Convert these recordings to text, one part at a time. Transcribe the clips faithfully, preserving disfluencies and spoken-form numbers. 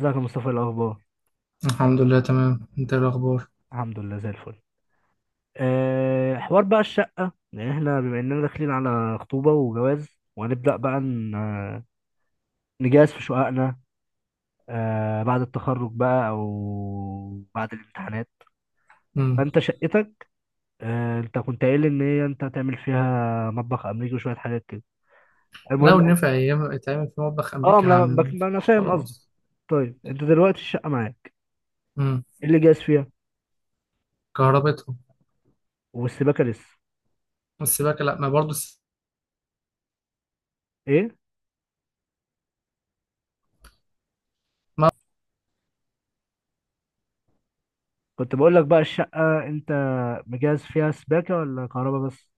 ازيك يا مصطفى؟ إيه الاخبار؟ الحمد لله تمام. انت ايه الاخبار؟ الحمد لله زي الفل. أه حوار بقى الشقه، يعني احنا بما اننا داخلين على خطوبه وجواز، وهنبدا بقى ن- آه، نجهز في شققنا. أه بعد التخرج بقى او بعد الامتحانات. امم فانت شقتك، أه انت كنت قايل ان هي انت هتعمل فيها مطبخ امريكي وشويه حاجات كده. المهم لو يعني- نفع ايام يتعمل في مطبخ اه امريكا ما انا هعمل، ما بك- ما أنا ينفعش فاهم قصدي. خلاص. طيب انت دلوقتي الشقه معاك؟ امم ايه اللي جاهز فيها؟ كهربتهم. والسباكه لسه؟ السباكه، لا ما برضو الس... ايه؟ ما... كنت بقول لك بقى الشقه انت مجهز فيها سباكه ولا كهرباء بس؟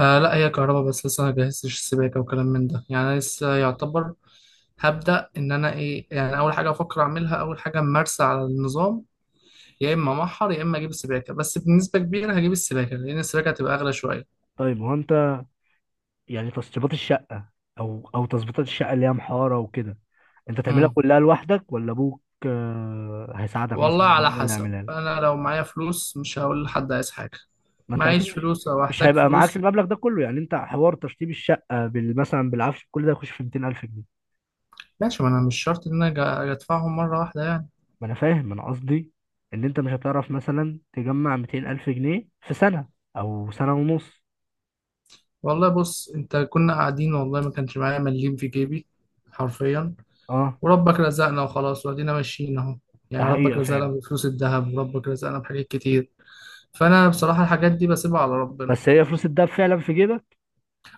آه لا، هي كهرباء بس، لسه ما جهزتش السباكه وكلام من ده. يعني انا لسه يعتبر هبدا. ان انا ايه يعني اول حاجه افكر اعملها، اول حاجه ممارسه على النظام، يا اما محر يا اما اجيب السباكه. بس بنسبه كبيره هجيب السباكه، لان السباكه هتبقى اغلى شويه. طيب هو انت يعني تشطيبات الشقة، او او تظبيطات الشقة اللي هي محارة وكده، انت تعملها امم كلها لوحدك ولا ابوك آه، هيساعدك والله مثلا، أو على هو اللي حسب، يعملها لك؟ انا لو معايا فلوس مش هقول لحد عايز حاجه. ما انت اكيد معيش مش فلوس او مش احتاج هيبقى معاك فلوس. المبلغ ده كله، يعني انت حوار تشطيب الشقة بال مثلا بالعفش كل ده يخش في مئتين ألف جنيه. ماشي، ما انا مش شرط ان انا أج- ادفعهم مره واحده يعني. ما انا فاهم، انا قصدي ان انت مش هتعرف مثلا تجمع مئتين الف جنيه في سنة او سنة ونص. والله بص، انت كنا قاعدين والله ما كانش معايا مليم في جيبي، حرفيا. اه، وربك رزقنا وخلاص، وادينا ماشيين اهو. ده يعني ربك حقيقة رزقنا فعلا. بفلوس الذهب، وربك رزقنا بحاجات كتير. فانا بصراحه الحاجات دي بسيبها على ربنا. بس هي فلوس الدهب فعلا في جيبك؟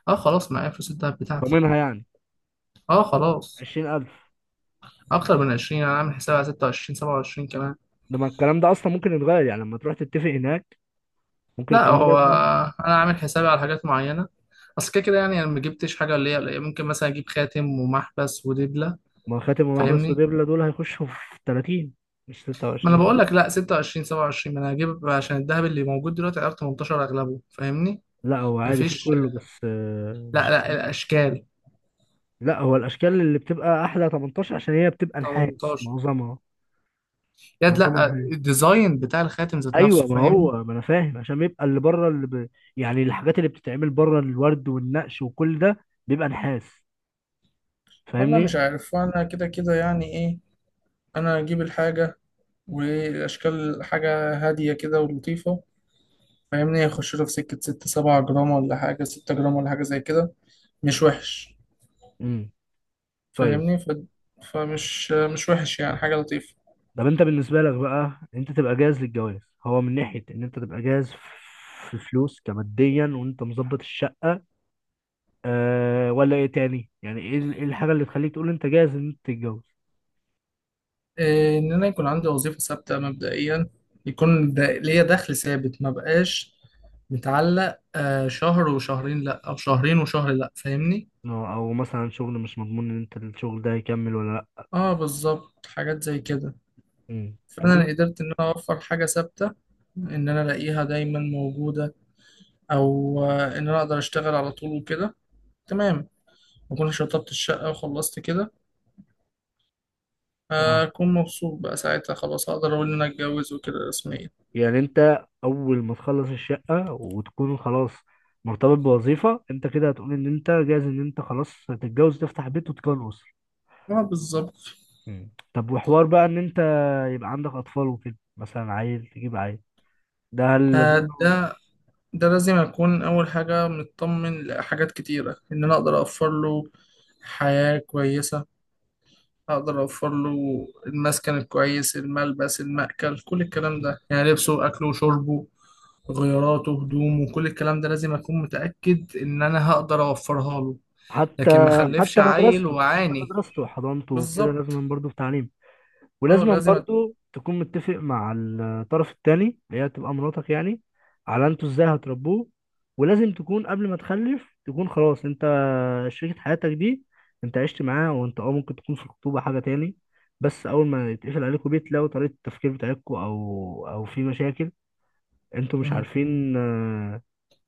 اه خلاص، معايا فلوس الذهب بتاعتي. ضامنها يعني؟ اه خلاص. عشرين ألف؟ اكتر من عشرين. انا عامل حسابي على ست وعشرين سبع وعشرين كمان. لما الكلام ده اصلا ممكن يتغير، يعني لما تروح تتفق هناك ممكن لا الكلام ده هو يتغير. انا عامل حسابي على حاجات معينه، اصل كده كده، يعني انا ما جبتش حاجه اللي هي ممكن مثلا اجيب خاتم ومحبس ودبله. ما هو خاتم ومحبس فاهمني؟ ودبلة دول هيخشوا في تلاتين، مش ما انا ستة وعشرين ساعة. بقول لك لا، ستة وعشرين سبعة وعشرين، ما انا هجيب عشان الذهب اللي موجود دلوقتي، عارف، تمنتاشر اغلبه. فاهمني؟ لا هو عادي في مفيش. كله بس آه، لا مش. لا الاشكال. لا هو الاشكال اللي بتبقى احلى تمنتاشر عشان هي بتبقى نحاس تمنتاشر. معظمها. يد، معظمها لا نحاس. الديزاين بتاع الخاتم ذات ايوه، نفسه، ما فاهمني؟ هو ما انا فاهم عشان بيبقى اللي بره اللي ب... يعني الحاجات اللي بتتعمل بره، الورد والنقش وكل ده بيبقى نحاس. والله فاهمني؟ مش عارف، وانا كده كده يعني ايه، انا اجيب الحاجه والاشكال حاجه هاديه كده ولطيفه، فاهمني؟ يخش له في سكه ستة سبعة جرام، ولا حاجه ستة جرام، ولا حاجه زي كده، مش وحش، امم. طيب، فاهمني ف... فمش، مش وحش، يعني حاجه لطيفه. طب انت بالنسبه لك بقى، انت تبقى جاهز للجواز، هو من ناحيه ان انت تبقى جاهز في فلوس كماديا وانت مظبط الشقه، أه ولا ايه تاني؟ يعني ايه ال- ايه الحاجه اللي تخليك تقول انت جاهز ان انت تتجوز؟ إيه، ان انا يكون عندي وظيفه ثابته مبدئيا، يكون د- ليا دخل ثابت، ما بقاش متعلق آه، شهر وشهرين لا، او شهرين وشهر لا، فاهمني؟ او أو مثلا شغل مش مضمون ان انت الشغل ده هيكمل ولا لا. اه بالظبط، حاجات زي كده. مم. طب فانا انا. أنا قدرت ان انا اوفر حاجه ثابته، ان انا الاقيها دايما موجوده، او آه، ان انا اقدر اشتغل على طول وكده، تمام. اكون شطبت الشقه وخلصت كده، آه، اه، اكون مبسوط. بقى ساعتها خلاص اقدر اقول ان انا اتجوز وكده رسميا. يعني انت اول ما تخلص الشقه وتكون خلاص مرتبط بوظيفه، انت كده هتقول ان انت جاهز ان انت خلاص تتجوز، تفتح بيت وتكون اسره. اه بالظبط. مم. طب، وحوار بقى ان انت يبقى عندك اطفال وكده، مثلا عيل، تجيب عيل، ده هل لازم آه، له- ده ده لازم أكون أول حاجة مطمن لحاجات كتيرة، إن أنا أقدر أوفر له حياة كويسة، أقدر أوفر له المسكن الكويس، الملبس، المأكل، كل الكلام ده، يعني لبسه، أكله، وشربه، غياراته، هدومه، كل الكلام ده لازم أكون متأكد إن أنا هقدر أوفرها له. حتى لكن ما أخلفش حتى عيل مدرسته، حتى وعاني. مدرسته وحضانته وكده، بالظبط. لازم برضه في تعليم. أه ولازم لازم أت... برضه تكون متفق مع الطرف التاني، اللي هي تبقى مراتك يعني، على انتوا ازاي هتربوه. ولازم تكون قبل ما تخلف تكون خلاص انت، شريكة حياتك دي انت عشت معاها. وانت اه ممكن تكون في الخطوبة حاجة تاني، بس اول ما يتقفل عليكم بيت لو طريقة التفكير بتاعتكم او او في مشاكل انتوا مش مم. عارفين آه،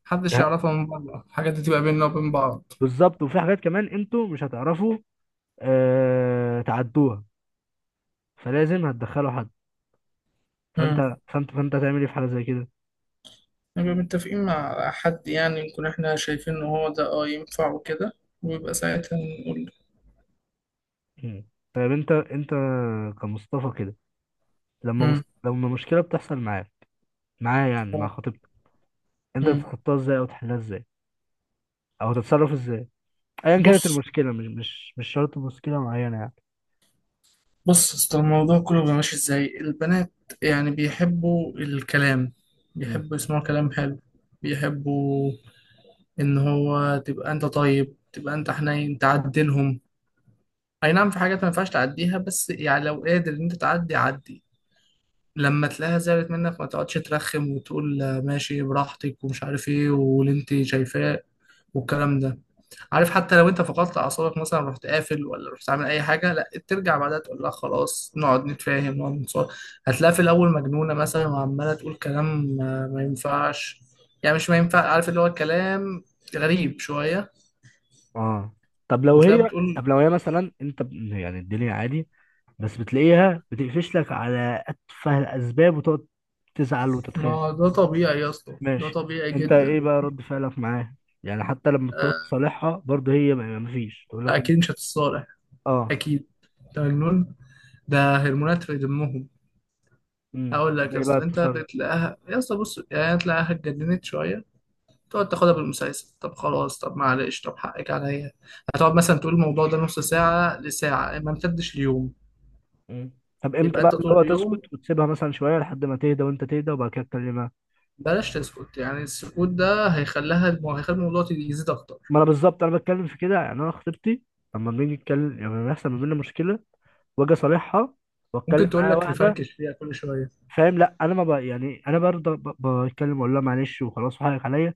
محدش ته- يعرفها من بره، الحاجات دي تبقى بيننا وبين بعض. بالظبط. وفي حاجات كمان انتوا مش هتعرفوا آه، تعدوها، فلازم هتدخلوا حد. فانت فانت فانت هتعمل ايه في حاجه زي كده؟ نبقى متفقين مع حد، يعني نكون احنا شايفين ان هو ده اه ينفع وكده، ويبقى ساعتها نقول. مم. طيب، انت انت كمصطفى كده، لما مص... امم لما مشكله بتحصل معاك، معايا يعني، مع خطيبتك، انت امم تتخطاها ازاي او تحلها ازاي او تتصرف ازاي؟ ايا كانت بص المشكله، مش مش مش شرط مشكله معينه يعني. بص اصل الموضوع كله بيبقى ماشي ازاي. البنات يعني بيحبوا الكلام، مم. بيحبوا يسمعوا كلام حلو، بيحبوا ان هو تبقى انت طيب، تبقى انت حنين، تعدلهم. اي نعم في حاجات ما ينفعش تعديها، بس يعني لو قادر ان انت تعدي، عدي. لما تلاقيها زعلت منك، ما تقعدش ترخم وتقول آه، ماشي براحتك، ومش عارف ايه، واللي انت شايفاه، والكلام ده. عارف، حتى لو انت فقدت اعصابك مثلا، رحت قافل ولا رحت عامل اي حاجه، لا ترجع بعدها تقول لها خلاص نقعد نتفاهم، نقعد نتصالح. هتلاقيها في الاول مجنونه مثلا، وعماله تقول كلام آه، ما ينفعش، يعني مش ما ينفع، عارف، اللي هو كلام غريب شويه. اه. طب لو وتلاقيها هي، بتقول. طب لو هي مثلا انت ب- يعني الدنيا عادي بس بتلاقيها بتقفش لك على أتفه الأسباب وتقعد تزعل وتتخانق. ما ده طبيعي يا اسطى، ده ماشي، طبيعي أنت جدا. إيه بقى رد فعلك معاه؟ يعني حتى لما بتقعد آه، تصالحها برضه هي ما ما فيش تقول لك أنت اكيد مش هتتصالح. آه اكيد. انت مجنون، ده هرمونات في دمهم. امم، هقول طب لك يا إيه بقى اسطى، انت التصرف؟ بتلاقيها يا اسطى، بص يعني تلاقيها اتجننت شويه، تقعد تاخدها بالمسلسل، طب خلاص، طب معلش، طب حقك عليا. هتقعد مثلا تقول الموضوع ده نص ساعه لساعه، ما امتدش اليوم. امم، طب امتى يبقى بقى انت اللي طول هو تسكت اليوم وتسيبها مثلا شويه لحد ما تهدى وانت تهدى وبعد كده تكلمها؟ بلاش تسكت، يعني السكوت ده هيخليها المو... هيخلي الموضوع يزيد اكتر. ما انا بالظبط، انا بتكلم في كده. يعني انا خطيبتي لما بنيجي نتكلم، يعني لما بيحصل ما بيننا مشكله واجي اصالحها واتكلم ممكن تقول معاها، لك واحده. نفركش فيها كل شويه. فاهم؟ لا انا ما ب... يعني انا برضه ب- بتكلم، اقول لها معلش وخلاص وحقك عليا.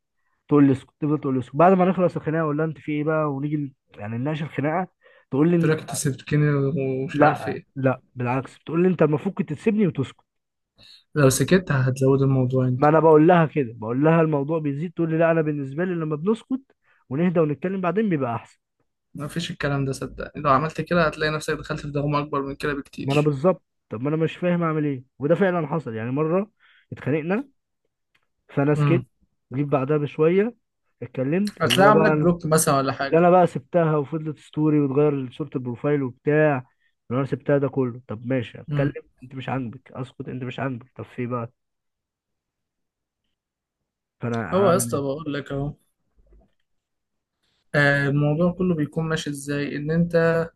تقول لي اسكت، تفضل تقول لي اسكت. بعد ما نخلص الخناقه اقول لها انت في ايه بقى، ونيجي ن- يعني نناقش الخناقه. تقول لي تقول لك انت إن- سبتكني ومش عارف لا ايه. لا، بالعكس، بتقول لي انت المفروض كنت تسيبني وتسكت. لو سكت هتزود الموضوع انت، ما انا بقول لها كده، بقول لها الموضوع بيزيد، تقول لي لا انا بالنسبه لي لما بنسكت ونهدى ونتكلم بعدين بيبقى احسن. ما فيش الكلام ده. صدقني لو عملت كده هتلاقي نفسك دخلت في دوامه اكبر من كده ما انا بكتير، بالظبط. طب ما انا مش فاهم اعمل ايه. وده فعلا حصل يعني مره اتخانقنا، فانا سكت، جيت بعدها بشويه اتكلمت، اللي هتلاقي هو بقى عاملك انا بلوك مثلا ولا حاجة. اللي انا بقى سبتها وفضلت ستوري وتغير صورة البروفايل وبتاع، اللي انا سبتها ده كله. طب ماشي اتكلم، امم. انت مش عاجبك اسكت، انت مش عاجبك، طب في إيه بقى؟ فانا هو يا عامل اسطى ايه؟ بقول لك اهو، آه، الموضوع كله بيكون ماشي ازاي، ان انت،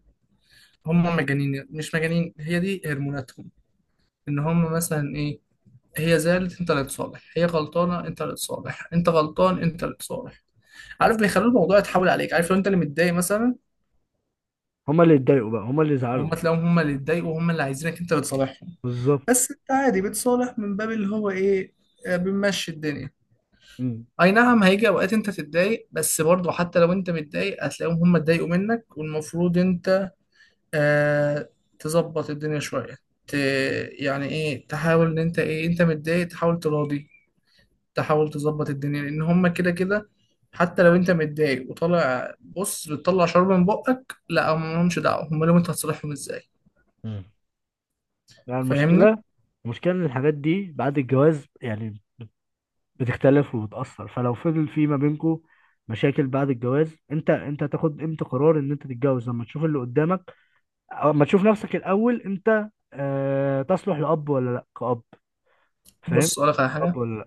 هم مجانين مش مجانين، هي دي هرموناتهم، ان هم مثلا ايه، هي زعلت انت اللي تصالح، هي غلطانه انت اللي تصالح، انت غلطان انت اللي تصالح. عارف، بيخلوا الموضوع يتحول عليك. عارف، لو انت اللي متضايق مثلا، هما اللي اتضايقوا بقى، هما اللي هم زعلوا. تلاقيهم هم اللي اتضايقوا، وهم اللي عايزينك انت اللي تصالحهم. بالظبط. بس انت عادي بتصالح من باب اللي هو ايه، آه، بنمشي الدنيا. امم. اي نعم هيجي اوقات انت تتضايق، بس برضه حتى لو انت متضايق هتلاقيهم هم اتضايقوا منك، والمفروض انت آه تظبط الدنيا شوية. ت... يعني ايه، تحاول ان انت ايه، انت متضايق تحاول تراضي، تحاول تظبط الدنيا، لان هم كده كده. حتى لو انت متضايق وطالع بص بتطلع شرب من بقك، لا هم لهمش دعوة، هم لهم انت هتصالحهم ازاي. مم. يعني فاهمني؟ المشكلة، المشكلة ان الحاجات دي بعد الجواز يعني بتختلف وبتأثر. فلو فضل في ما بينكو مشاكل بعد الجواز، انت انت هتاخد امتى قرار ان انت تتجوز؟ لما تشوف اللي قدامك، او لما تشوف نفسك الاول انت آه تصلح لأب ولا لا كأب؟ فاهم؟ بص اقول لك على حاجة. تقبل؟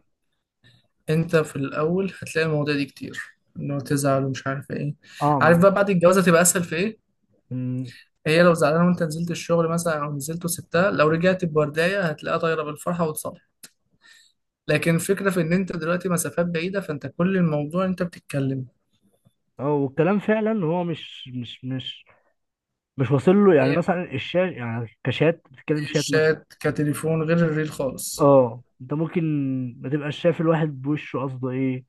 انت في الاول هتلاقي المواضيع دي كتير، انه تزعل ومش عارف ايه. اه، عارف مع بقى بعد الجواز هتبقى اسهل في ايه؟ م- هي لو زعلانه وانت نزلت الشغل مثلا، او نزلت وسبتها، لو رجعت بورديه هتلاقيها طايره بالفرحه وتصالح. لكن الفكره في ان انت دلوقتي مسافات بعيده، فانت كل الموضوع انت بتتكلم. اه، والكلام فعلا هو مش مش مش مش واصل له. يعني هي مثلا الشات، يعني كشات بتتكلم، شات مثلا. الشات كتليفون، غير الريل خالص. اه، انت ممكن ما تبقاش شايف الواحد بوشه قصده ايه،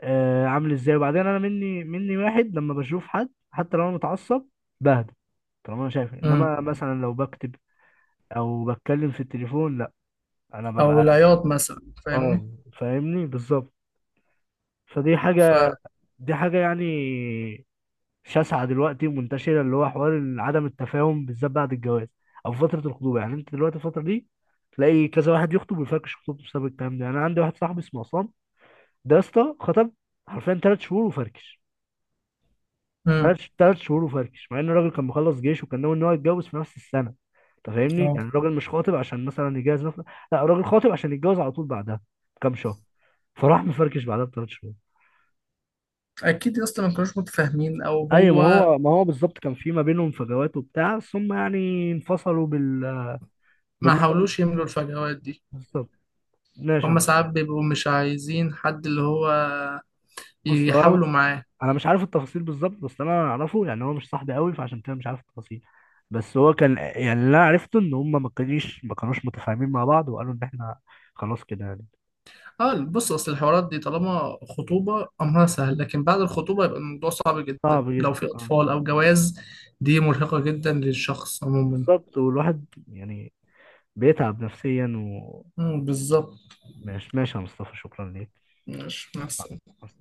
آه عامل ازاي. وبعدين انا، مني مني واحد لما بشوف حد حتى لو انا متعصب بهدى، طالما انا شايف. امم. انما مثلا لو بكتب او بتكلم في التليفون لا، انا او ببقى العياط مثلا، اه. فاهمني؟ فاهمني؟ بالظبط. فدي ف حاجة، دي حاجة يعني شاسعه دلوقتي ومنتشره، اللي هو حوار إن عدم التفاهم بالذات بعد الجواز او فتره الخطوبه. يعني انت دلوقتي الفتره دي تلاقي كذا واحد يخطب ويفركش خطوبته بسبب الكلام ده. يعني انا عندي واحد صاحبي اسمه عصام، ده يا اسطى خطب حرفيا ثلاث شهور وفركش. امم. ثلاث ثلاث شهور وفركش مع ان الراجل كان مخلص جيش وكان ناوي ان هو يتجوز في نفس السنه. انت فاهمني؟ اه يعني الراجل مش خاطب عشان مثلا يجهز نفسه، لا الراجل خاطب عشان يتجوز على طول بعدها بكام شهر، فراح مفركش بعدها بثلاث شهور. اكيد يا اسطى ما كانوش متفاهمين، او ايوه، ما هو هو ما هو بالظبط كان في ما بينهم فجوات وبتاع، ثم يعني انفصلوا بال ما بالمقارنة. حاولوش يملوا الفجوات دي. بالظبط. ماشي يا هما ساعات مصطفى. بيبقوا مش عايزين حد اللي هو بص، هو انا يحاولوا معاه. انا مش عارف التفاصيل بالظبط، بس انا اعرفه يعني، هو مش صاحبي قوي فعشان كده مش عارف التفاصيل. بس هو كان يعني، اللي انا عرفته ان هم ما كانوش ما كانوش متفاهمين مع بعض، وقالوا ان احنا خلاص كده يعني. اه بص، اصل الحوارات دي طالما خطوبه امرها سهل، لكن بعد الخطوبه يبقى الموضوع صعب جدا، صعب لو جدا في آه. اطفال او جواز دي مرهقه جدا للشخص عموما. بالظبط. والواحد يعني بيتعب نفسيا. مم، بالظبط. وماشي ماشي يا مصطفى، شكرا ماشي مع السلامة. ليك.